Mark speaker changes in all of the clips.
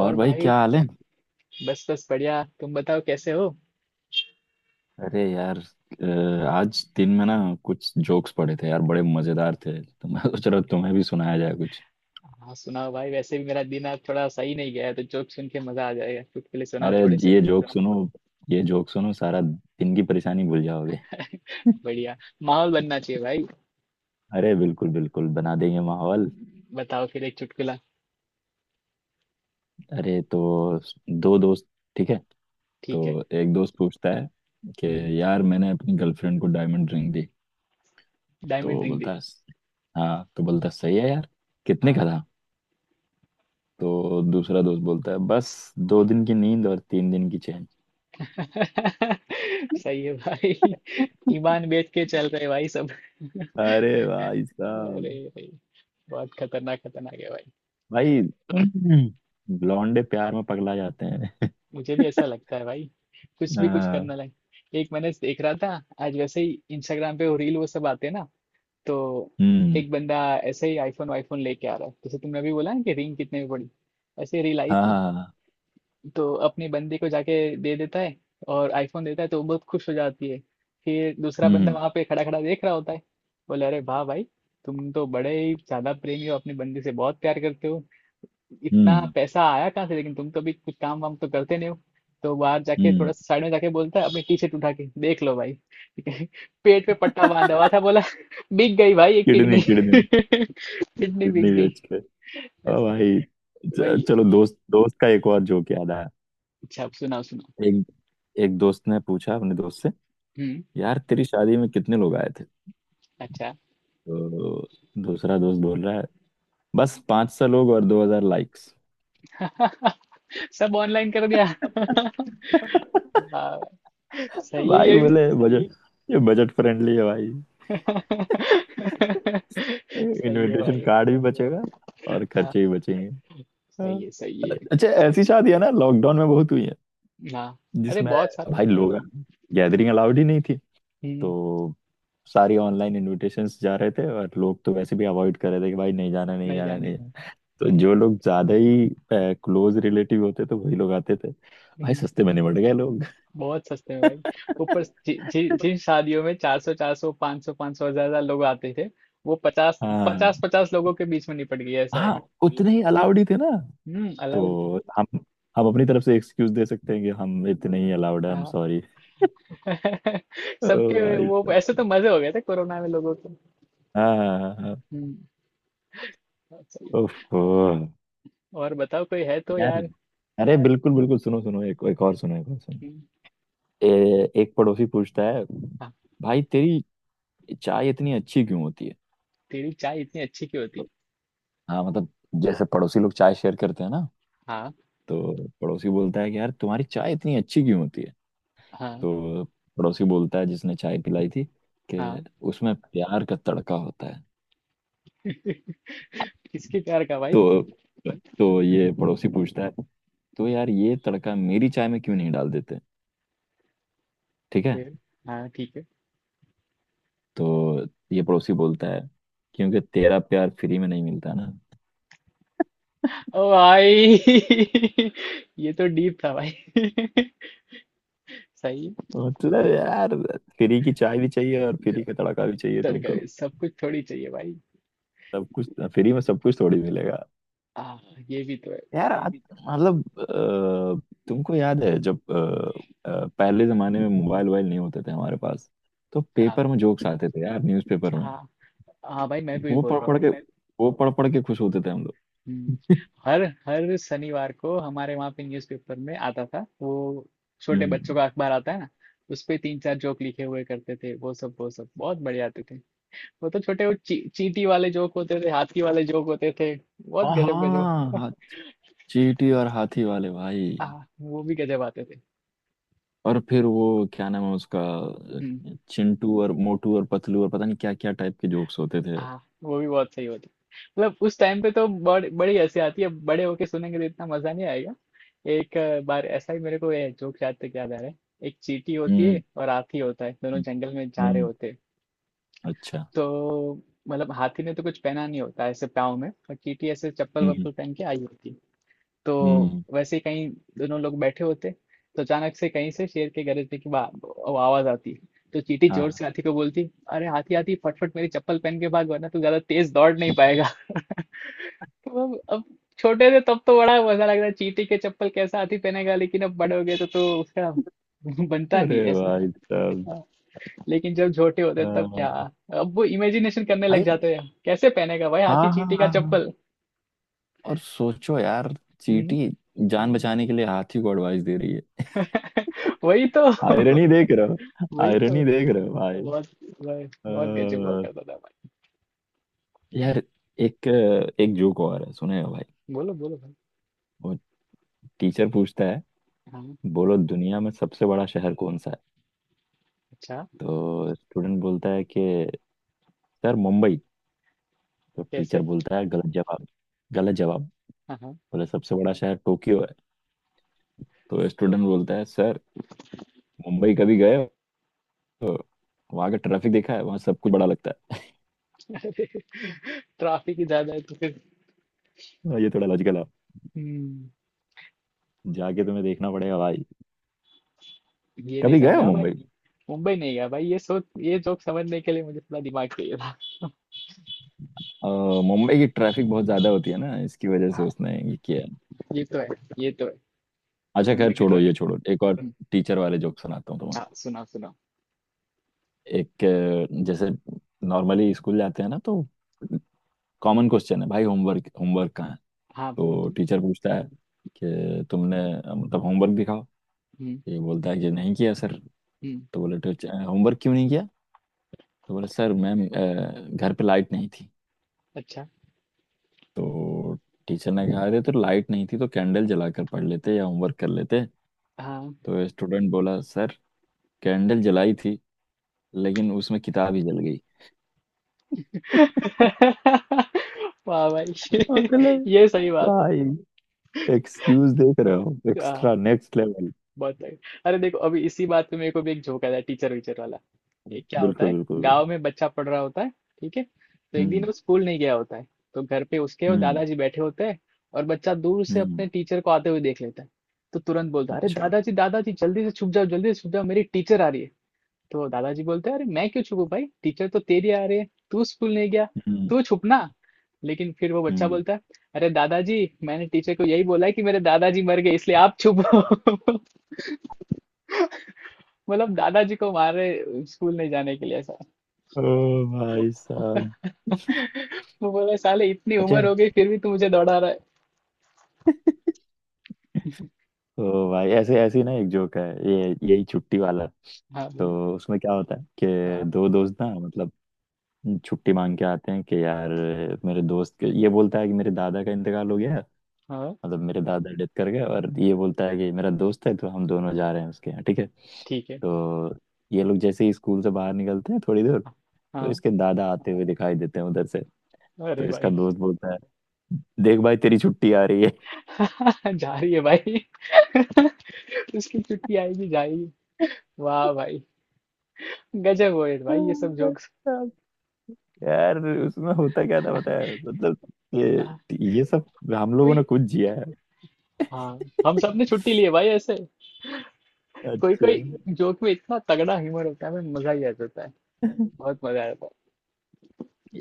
Speaker 1: और
Speaker 2: और भाई
Speaker 1: भाई।
Speaker 2: क्या हाल है?
Speaker 1: बस बस, बढ़िया। तुम बताओ, कैसे हो?
Speaker 2: अरे यार, आज दिन में ना कुछ जोक्स पड़े थे यार, बड़े मजेदार थे, तो मैं सोच रहा हूँ तुम्हें भी सुनाया जाए कुछ।
Speaker 1: हाँ सुनाओ भाई। वैसे भी मेरा दिन आज थोड़ा सही नहीं गया है तो जोक सुन के मजा आ जाएगा। चुटकुले सुनाओ
Speaker 2: अरे,
Speaker 1: थोड़े से।
Speaker 2: ये जोक सुनो, ये जोक सुनो, सारा दिन की परेशानी भूल जाओगे।
Speaker 1: बढ़िया। माहौल बनना चाहिए भाई।
Speaker 2: अरे बिल्कुल बिल्कुल, बना देंगे माहौल।
Speaker 1: बताओ फिर एक चुटकुला।
Speaker 2: अरे तो, दो दोस्त, ठीक है, तो
Speaker 1: ठीक है।
Speaker 2: एक दोस्त पूछता है कि
Speaker 1: हम्म।
Speaker 2: यार मैंने अपनी गर्लफ्रेंड को डायमंड रिंग दी।
Speaker 1: डायमंड
Speaker 2: तो
Speaker 1: रिंग दी।
Speaker 2: बोलता है, हाँ, तो बोलता है, सही है यार, कितने का
Speaker 1: हाँ।
Speaker 2: था। तो दूसरा दोस्त बोलता है, बस दो दिन की नींद और तीन दिन की चैन।
Speaker 1: सही है भाई। ईमान बेच के चल रहे भाई सब।
Speaker 2: अरे भाई
Speaker 1: अरे
Speaker 2: साहब,
Speaker 1: भाई। बहुत खतरनाक खतरनाक है भाई।
Speaker 2: भाई लौंडे प्यार में पगला जाते हैं।
Speaker 1: मुझे भी ऐसा लगता है भाई। कुछ भी कुछ
Speaker 2: हाँ।
Speaker 1: करना लगे। एक मैंने देख रहा था। आज वैसे ही इंस्टाग्राम पे वो रील वो सब आते हैं ना। तो
Speaker 2: हम्म।
Speaker 1: एक बंदा ऐसे ही आईफोन वाईफोन लेके आ रहा है, जैसे तुमने अभी बोला ना कि रिंग कितने में पड़ी। ऐसे ही रील आई
Speaker 2: हाँ
Speaker 1: थी।
Speaker 2: हाँ, हाँ।
Speaker 1: तो अपनी बंदी को जाके दे देता है, और आईफोन देता है तो वो बहुत खुश हो जाती है। फिर दूसरा बंदा
Speaker 2: हम्म।
Speaker 1: वहां पे खड़ा खड़ा देख रहा होता है। बोले, अरे वाह भाई, तुम तो बड़े ही ज्यादा प्रेमी हो, अपनी बंदी से बहुत प्यार करते हो। इतना
Speaker 2: हम्म।
Speaker 1: पैसा आया कहाँ से? लेकिन तुम तो अभी कुछ काम वाम तो करते नहीं हो। तो बाहर जाके
Speaker 2: हम्म।
Speaker 1: थोड़ा साइड में जाके बोलता है, अपनी टी शर्ट उठा के देख लो भाई। ठीक है। पेट पे पट्टा बांधा हुआ था। बोला, बिक गई भाई ये
Speaker 2: किडनी
Speaker 1: किडनी।
Speaker 2: किडनी।
Speaker 1: किडनी बिक
Speaker 2: किडनी
Speaker 1: गई।
Speaker 2: बेच के। हाँ
Speaker 1: ऐसा।
Speaker 2: भाई।
Speaker 1: वही।
Speaker 2: चलो, दोस्त दोस्त का एक और जोक याद आया।
Speaker 1: अच्छा अब सुनाओ सुनाओ।
Speaker 2: एक एक दोस्त ने पूछा अपने दोस्त से,
Speaker 1: हम्म।
Speaker 2: यार तेरी शादी में कितने लोग आए थे?
Speaker 1: अच्छा।
Speaker 2: तो दूसरा दोस्त बोल रहा है, बस 500 लोग और 2,000 लाइक्स।
Speaker 1: सब ऑनलाइन कर दिया। वाह, सही है
Speaker 2: भाई
Speaker 1: ये भी।
Speaker 2: बोले, बजट, ये बजट फ्रेंडली है भाई।
Speaker 1: सही है
Speaker 2: इनविटेशन
Speaker 1: भाई।
Speaker 2: कार्ड भी बचेगा और
Speaker 1: हाँ।
Speaker 2: खर्चे भी बचेंगे। हाँ।
Speaker 1: सही है सही है।
Speaker 2: अच्छा, ऐसी शादियां ना लॉकडाउन में बहुत हुई है,
Speaker 1: हाँ। अरे
Speaker 2: जिसमें
Speaker 1: बहुत सारे
Speaker 2: भाई
Speaker 1: हुए।
Speaker 2: लोग, गैदरिंग अलाउड ही नहीं थी,
Speaker 1: हम्म।
Speaker 2: तो सारी ऑनलाइन इनविटेशंस जा रहे थे, और लोग तो वैसे भी अवॉइड कर रहे थे कि भाई नहीं जाना नहीं
Speaker 1: नहीं
Speaker 2: जाना
Speaker 1: जाने।
Speaker 2: नहीं जाना। तो जो लोग ज्यादा ही क्लोज रिलेटिव होते थे वही लोग आते थे। भाई
Speaker 1: हम्म।
Speaker 2: सस्ते में निबट गए लोग।
Speaker 1: बहुत सस्ते में भाई। ऊपर जि, जि, जिन शादियों में चार सौ पाँच सौ पाँच सौ हजार हजार लोग आते थे, वो पचास
Speaker 2: हाँ।
Speaker 1: पचास पचास लोगों के बीच में निपट गई। ऐसा है।
Speaker 2: हाँ उतने ही अलाउड ही थे ना,
Speaker 1: हम्म। अलाउड थी।
Speaker 2: तो हम अपनी तरफ से एक्सक्यूज दे सकते हैं कि हम इतने ही अलाउड है, हम
Speaker 1: हाँ।
Speaker 2: सॉरी। ओ
Speaker 1: सबके
Speaker 2: भाई
Speaker 1: वो ऐसे
Speaker 2: साहब।
Speaker 1: तो मजे हो गए थे कोरोना में लोगों के।
Speaker 2: हाँ हाँ हाँ हाँ।
Speaker 1: हम्म। बहुत सही।
Speaker 2: उफ, ओ।
Speaker 1: और बताओ कोई है तो
Speaker 2: यार,
Speaker 1: यार।
Speaker 2: अरे बिल्कुल बिल्कुल, सुनो सुनो, एक एक और सुनो, एक और सुनो।
Speaker 1: हम्म।
Speaker 2: एक पड़ोसी पूछता है,
Speaker 1: हाँ।
Speaker 2: भाई तेरी चाय इतनी अच्छी क्यों होती है?
Speaker 1: तेरी चाय इतनी अच्छी क्यों होती?
Speaker 2: तो, हाँ मतलब, जैसे पड़ोसी लोग चाय शेयर करते हैं ना,
Speaker 1: हाँ।
Speaker 2: तो पड़ोसी बोलता है कि यार तुम्हारी चाय इतनी अच्छी क्यों होती है?
Speaker 1: हाँ।
Speaker 2: तो पड़ोसी बोलता है, जिसने चाय पिलाई थी, कि
Speaker 1: हाँ।
Speaker 2: उसमें प्यार का तड़का होता है।
Speaker 1: किसके प्यार का भाई?
Speaker 2: तो तो ये पड़ोसी पूछता है, तो यार ये तड़का मेरी चाय में क्यों नहीं डाल देते? ठीक है।
Speaker 1: फिर। हाँ ठीक है।
Speaker 2: तो ये पड़ोसी बोलता है, क्योंकि तेरा प्यार फ्री में नहीं मिलता ना।
Speaker 1: ओ भाई। ये तो डीप था भाई। सही।
Speaker 2: मतलब यार, फ्री की चाय भी चाहिए और फ्री का तड़का भी चाहिए
Speaker 1: तड़का
Speaker 2: तुमको,
Speaker 1: भी सब कुछ थोड़ी चाहिए भाई।
Speaker 2: सब कुछ। फ्री में सब कुछ थोड़ी मिलेगा।
Speaker 1: आ, ये भी तो है।
Speaker 2: यार आज मतलब, तुमको याद है जब पहले जमाने में मोबाइल वोबाइल नहीं होते थे हमारे पास, तो
Speaker 1: हाँ
Speaker 2: पेपर में जोक्स आते थे यार, न्यूज़पेपर में।
Speaker 1: हाँ। हाँ भाई मैं भी
Speaker 2: वो
Speaker 1: बोल
Speaker 2: पढ़
Speaker 1: रहा
Speaker 2: पढ़
Speaker 1: हूँ।
Speaker 2: के वो पढ़ पढ़ के खुश होते थे हम
Speaker 1: हम्म।
Speaker 2: लोग।
Speaker 1: हर हर शनिवार को हमारे वहाँ पे न्यूज़पेपर में आता था वो। छोटे
Speaker 2: हम्म।
Speaker 1: बच्चों का अखबार आता है ना। उस पे तीन चार जोक लिखे हुए करते थे, वो सब बहुत बढ़िया आते थे। वो तो छोटे वो चींटी वाले जोक होते थे, हाथी वाले जोक होते थे। बहुत
Speaker 2: हाँ
Speaker 1: गजब गजब।
Speaker 2: हाँ, हाँ। चींटी और हाथी वाले भाई।
Speaker 1: आ, वो भी गजब आते थे।
Speaker 2: और फिर वो क्या नाम है उसका,
Speaker 1: हम्म।
Speaker 2: चिंटू और मोटू और पतलू, और पता नहीं क्या क्या टाइप के जोक्स होते थे।
Speaker 1: आ, वो भी बहुत सही होते। मतलब उस टाइम पे तो बड़ी हंसी आती है। बड़े होके सुनेंगे तो इतना मजा नहीं आएगा। एक बार ऐसा ही मेरे को ये जोक याद तक याद आ रहा है। एक चींटी होती
Speaker 2: हम्म।
Speaker 1: है और हाथी होता है, दोनों जंगल में जा रहे
Speaker 2: हम्म।
Speaker 1: होते हैं।
Speaker 2: अच्छा।
Speaker 1: तो मतलब हाथी ने तो कुछ पहना नहीं होता है ऐसे पाँव में, और चींटी ऐसे चप्पल
Speaker 2: हम्म।
Speaker 1: वप्पल पहन के आई होती है। तो
Speaker 2: हम्म।
Speaker 1: वैसे ही कहीं दोनों लोग बैठे होते। तो अचानक से कहीं से शेर के गरजने की वो आवाज आती है। तो चींटी जोर से
Speaker 2: हाँ।
Speaker 1: हाथी को बोलती, अरे हाथी हाथी, फटफट मेरी चप्पल पहन के भाग, वरना तू ज्यादा तेज दौड़ नहीं पाएगा। तो अब छोटे थे तब तो बड़ा मजा लग रहा है, चींटी के चप्पल कैसा हाथी पहनेगा, लेकिन अब बड़े हो गए तो उसका बनता
Speaker 2: अरे
Speaker 1: नहीं ऐसा।
Speaker 2: भाई साहब।
Speaker 1: हाँ, लेकिन जब छोटे होते तब
Speaker 2: हाँ
Speaker 1: क्या, अब वो इमेजिनेशन करने लग
Speaker 2: भाई।
Speaker 1: जाते हैं कैसे पहनेगा भाई हाथी
Speaker 2: हाँ हाँ
Speaker 1: चींटी का
Speaker 2: हाँ हाँ।
Speaker 1: चप्पल।
Speaker 2: और सोचो यार,
Speaker 1: हम्म।
Speaker 2: चींटी जान बचाने के लिए हाथी को एडवाइस दे रही है।
Speaker 1: वही तो।
Speaker 2: आयरनी देख रहे हो,
Speaker 1: वही तो।
Speaker 2: आयरनी देख रहे हो भाई।
Speaker 1: बहुत बहुत
Speaker 2: अ,
Speaker 1: बहुत गजब हुआ करता था भाई।
Speaker 2: यार, एक एक जोक और है, सुने हो भाई।
Speaker 1: बोलो बोलो भाई।
Speaker 2: वो टीचर पूछता है,
Speaker 1: हाँ।
Speaker 2: बोलो दुनिया में सबसे बड़ा शहर कौन सा है?
Speaker 1: अच्छा।
Speaker 2: तो स्टूडेंट बोलता है कि सर मुंबई। तो टीचर
Speaker 1: कैसे?
Speaker 2: बोलता है, गलत जवाब, गलत जवाब।
Speaker 1: हाँ हाँ।
Speaker 2: बोले सबसे बड़ा शहर टोक्यो है। तो स्टूडेंट बोलता है, सर मुंबई कभी गए हो? तो वहाँ का ट्रैफिक देखा है, वहाँ सब कुछ बड़ा लगता है।
Speaker 1: ट्रैफिक ही ज्यादा है तो फिर।
Speaker 2: हाँ, ये थोड़ा लॉजिकल है।
Speaker 1: हम्म।
Speaker 2: जाके तुम्हें देखना पड़ेगा भाई,
Speaker 1: ये नहीं
Speaker 2: कभी गए हो
Speaker 1: समझा भाई।
Speaker 2: मुंबई।
Speaker 1: मुंबई नहीं गया भाई, ये सोच, ये जोक समझने के लिए मुझे थोड़ा दिमाग चाहिए था।
Speaker 2: अ, मुंबई की ट्रैफिक बहुत ज्यादा होती है ना, इसकी वजह से
Speaker 1: हाँ।
Speaker 2: उसने ये किया है।
Speaker 1: ये तो है। ये तो है।
Speaker 2: अच्छा खैर,
Speaker 1: मुंबई की
Speaker 2: छोड़ो
Speaker 1: ट्रक।
Speaker 2: ये छोड़ो, एक और
Speaker 1: हम्म।
Speaker 2: टीचर वाले जोक सुनाता हूँ तुम्हें।
Speaker 1: हाँ सुनाओ सुनाओ।
Speaker 2: एक जैसे नॉर्मली स्कूल जाते हैं ना, तो कॉमन क्वेश्चन है भाई, होमवर्क होमवर्क कहाँ है।
Speaker 1: हाँ बोलो
Speaker 2: तो
Speaker 1: बोलो।
Speaker 2: टीचर पूछता है कि तुमने मतलब होमवर्क दिखाओ।
Speaker 1: हम्म।
Speaker 2: ये बोलता है कि नहीं किया सर।
Speaker 1: हम्म।
Speaker 2: तो बोले टीचर, होमवर्क क्यों नहीं किया? तो बोले सर मैम, घर पे लाइट नहीं थी।
Speaker 1: अच्छा।
Speaker 2: तो टीचर ने कहा, अरे तो लाइट नहीं थी तो कैंडल जलाकर पढ़ लेते या होमवर्क कर लेते।
Speaker 1: हाँ।
Speaker 2: तो स्टूडेंट बोला, सर कैंडल जलाई थी, लेकिन उसमें किताब ही जल गई।
Speaker 1: वाह भाई।
Speaker 2: मतलब
Speaker 1: ये सही बात
Speaker 2: भाई,
Speaker 1: है।
Speaker 2: एक्सक्यूज देख रहे हो,
Speaker 1: हाँ।
Speaker 2: Extra next level.
Speaker 1: बहुत लाइट। अरे देखो अभी इसी बात पे मेरे को भी एक जोक आया टीचर वीचर वाला। एक क्या होता
Speaker 2: बिल्कुल
Speaker 1: है।
Speaker 2: बिल्कुल बिल्कुल।
Speaker 1: गांव में बच्चा पढ़ रहा होता है, ठीक है। तो एक दिन
Speaker 2: हम्म।
Speaker 1: वो स्कूल नहीं गया होता है। तो घर पे उसके और
Speaker 2: हम्म।
Speaker 1: दादाजी बैठे होते हैं। और बच्चा दूर से अपने
Speaker 2: हम्म।
Speaker 1: टीचर को आते हुए देख लेता है। तो तुरंत बोलता है, अरे
Speaker 2: अच्छा।
Speaker 1: दादाजी दादाजी, जल्दी से छुप जाओ, जल्दी से छुप जाओ, मेरी टीचर आ रही है। तो दादाजी बोलते हैं, अरे मैं क्यों छुपूं भाई, टीचर तो तेरी आ रही है, तू स्कूल नहीं गया,
Speaker 2: हम्म।
Speaker 1: तू छुपना। लेकिन फिर वो बच्चा
Speaker 2: हम्म।
Speaker 1: बोलता है, अरे दादाजी, मैंने टीचर को यही बोला है कि मेरे दादाजी मर गए, इसलिए आप छुपो। मतलब दादाजी को मार रहे स्कूल नहीं जाने के लिए ऐसा।
Speaker 2: ओ भाई साहब।
Speaker 1: वो बोला, साले, इतनी
Speaker 2: अच्छा
Speaker 1: उम्र हो गई फिर भी तू मुझे दौड़ा रहा है।
Speaker 2: तो भाई, ऐसे ऐसी ना एक जोक है, ये यही छुट्टी वाला।
Speaker 1: हाँ बोलो।
Speaker 2: तो उसमें क्या होता है कि
Speaker 1: हाँ।
Speaker 2: दो दोस्त ना, मतलब छुट्टी मांग के आते हैं कि यार, मेरे दोस्त के, ये बोलता है कि मेरे दादा का इंतकाल हो गया,
Speaker 1: हाँ
Speaker 2: मतलब मेरे दादा डेथ कर गए, और ये बोलता है कि मेरा दोस्त है तो हम दोनों जा रहे हैं उसके यहाँ। ठीक है।
Speaker 1: ठीक है।
Speaker 2: तो ये लोग जैसे ही स्कूल से बाहर निकलते हैं, थोड़ी दूर, तो
Speaker 1: हाँ।
Speaker 2: इसके दादा आते हुए दिखाई देते हैं उधर से। तो
Speaker 1: अरे
Speaker 2: इसका
Speaker 1: भाई।
Speaker 2: दोस्त बोलता है, देख भाई तेरी छुट्टी आ रही है।
Speaker 1: जा रही है भाई। उसकी छुट्टी आएगी जाएगी। वाह भाई। गजब हो है भाई ये सब जोक्स।
Speaker 2: यार उसमें होता क्या था, बताया मतलब, ये ये सब हम लोगों
Speaker 1: कोई।
Speaker 2: ने कुछ जिया है।
Speaker 1: हाँ। हम सब ने छुट्टी ली है भाई ऐसे। कोई कोई
Speaker 2: अच्छा।
Speaker 1: जोक में इतना तगड़ा ह्यूमर होता है, मैं मजा ही आ जाता है। बहुत मजा आता है।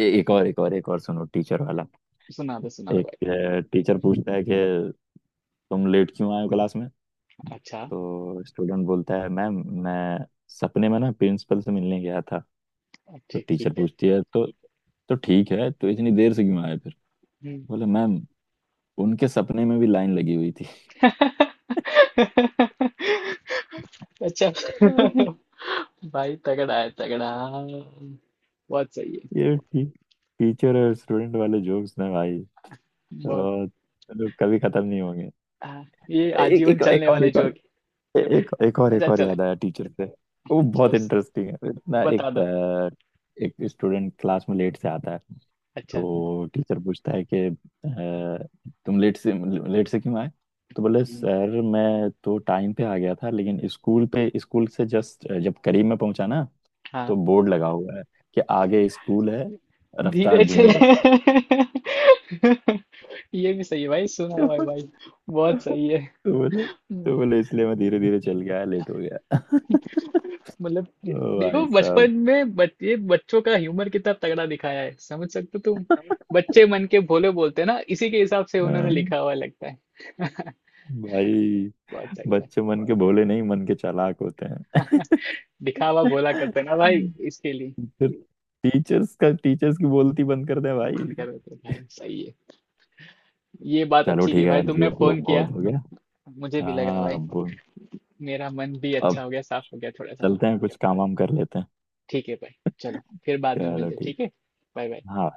Speaker 2: एक और एक और एक और सुनो, टीचर वाला।
Speaker 1: सुना दो
Speaker 2: एक
Speaker 1: भाई।
Speaker 2: टीचर पूछता है कि तुम लेट क्यों आए हो क्लास में।
Speaker 1: अच्छा।
Speaker 2: तो स्टूडेंट बोलता है, मैम मैं सपने में ना प्रिंसिपल से मिलने गया था। तो
Speaker 1: अच्छा ठीक
Speaker 2: टीचर
Speaker 1: है।
Speaker 2: पूछती है, तो ठीक है तो इतनी देर से क्यों आए फिर।
Speaker 1: हम्म।
Speaker 2: बोला मैम, उनके सपने में भी लाइन लगी हुई थी।
Speaker 1: अच्छा। भाई तगड़ा है तगड़ा, बहुत सही है।
Speaker 2: ये टीचर और स्टूडेंट वाले जोक्स ना भाई,
Speaker 1: बहुत।
Speaker 2: तो मतलब कभी खत्म नहीं होंगे।
Speaker 1: हाँ, ये
Speaker 2: एक
Speaker 1: आजीवन
Speaker 2: एक
Speaker 1: चलने
Speaker 2: एक और
Speaker 1: वाला
Speaker 2: एक और,
Speaker 1: जोक।
Speaker 2: एक एक
Speaker 1: अच्छा
Speaker 2: और
Speaker 1: चले।
Speaker 2: याद आया टीचर से। वो बहुत
Speaker 1: चलो
Speaker 2: इंटरेस्टिंग है इतना।
Speaker 1: बता
Speaker 2: एक
Speaker 1: दो।
Speaker 2: एक स्टूडेंट क्लास में लेट से आता है।
Speaker 1: अच्छा।
Speaker 2: तो टीचर पूछता है कि तुम लेट से, लेट से क्यों आए। तो बोले,
Speaker 1: हम्म।
Speaker 2: सर मैं तो टाइम पे आ गया था, लेकिन स्कूल से जस्ट जब करीब में पहुंचा ना, तो
Speaker 1: हाँ।
Speaker 2: बोर्ड लगा हुआ है कि आगे स्कूल है, रफ्तार
Speaker 1: धीरे
Speaker 2: धीमी
Speaker 1: चले।
Speaker 2: रखा
Speaker 1: ये भी सही है भाई, सुना
Speaker 2: है।
Speaker 1: भाई भाई। बहुत सही है।
Speaker 2: तो बोले तो बोले इसलिए मैं धीरे धीरे चल गया, लेट हो गया।
Speaker 1: मतलब
Speaker 2: ओ
Speaker 1: देखो
Speaker 2: भाई साहब।
Speaker 1: बचपन में ये बच्चों का ह्यूमर कितना तगड़ा दिखाया है, समझ सकते हो तुम।
Speaker 2: हाँ,
Speaker 1: बच्चे मन के भोले बोलते हैं ना, इसी के हिसाब से उन्होंने लिखा हुआ लगता है।
Speaker 2: भाई
Speaker 1: बहुत सही है।
Speaker 2: बच्चे मन के भोले नहीं, मन के चालाक होते हैं।
Speaker 1: दिखावा भोला करते हैं ना भाई, इसके लिए।
Speaker 2: टीचर टीचर्स का टीचर्स की बोलती बंद कर दे भाई।
Speaker 1: बंद कर देते हैं भाई सही है। ये बात
Speaker 2: चलो
Speaker 1: अच्छी की
Speaker 2: ठीक है
Speaker 1: भाई
Speaker 2: यार,
Speaker 1: तुमने
Speaker 2: जोक वो
Speaker 1: फोन किया।
Speaker 2: बहुत हो गया।
Speaker 1: मुझे भी लगा
Speaker 2: हाँ
Speaker 1: भाई।
Speaker 2: अब
Speaker 1: मेरा मन भी
Speaker 2: अब
Speaker 1: अच्छा हो गया, साफ हो गया थोड़ा सा।
Speaker 2: चलते हैं, कुछ काम वाम कर लेते हैं।
Speaker 1: ठीक है भाई। चलो फिर बाद में
Speaker 2: चलो
Speaker 1: मिलते हैं,
Speaker 2: ठीक।
Speaker 1: ठीक है। Bye bye.
Speaker 2: हाँ।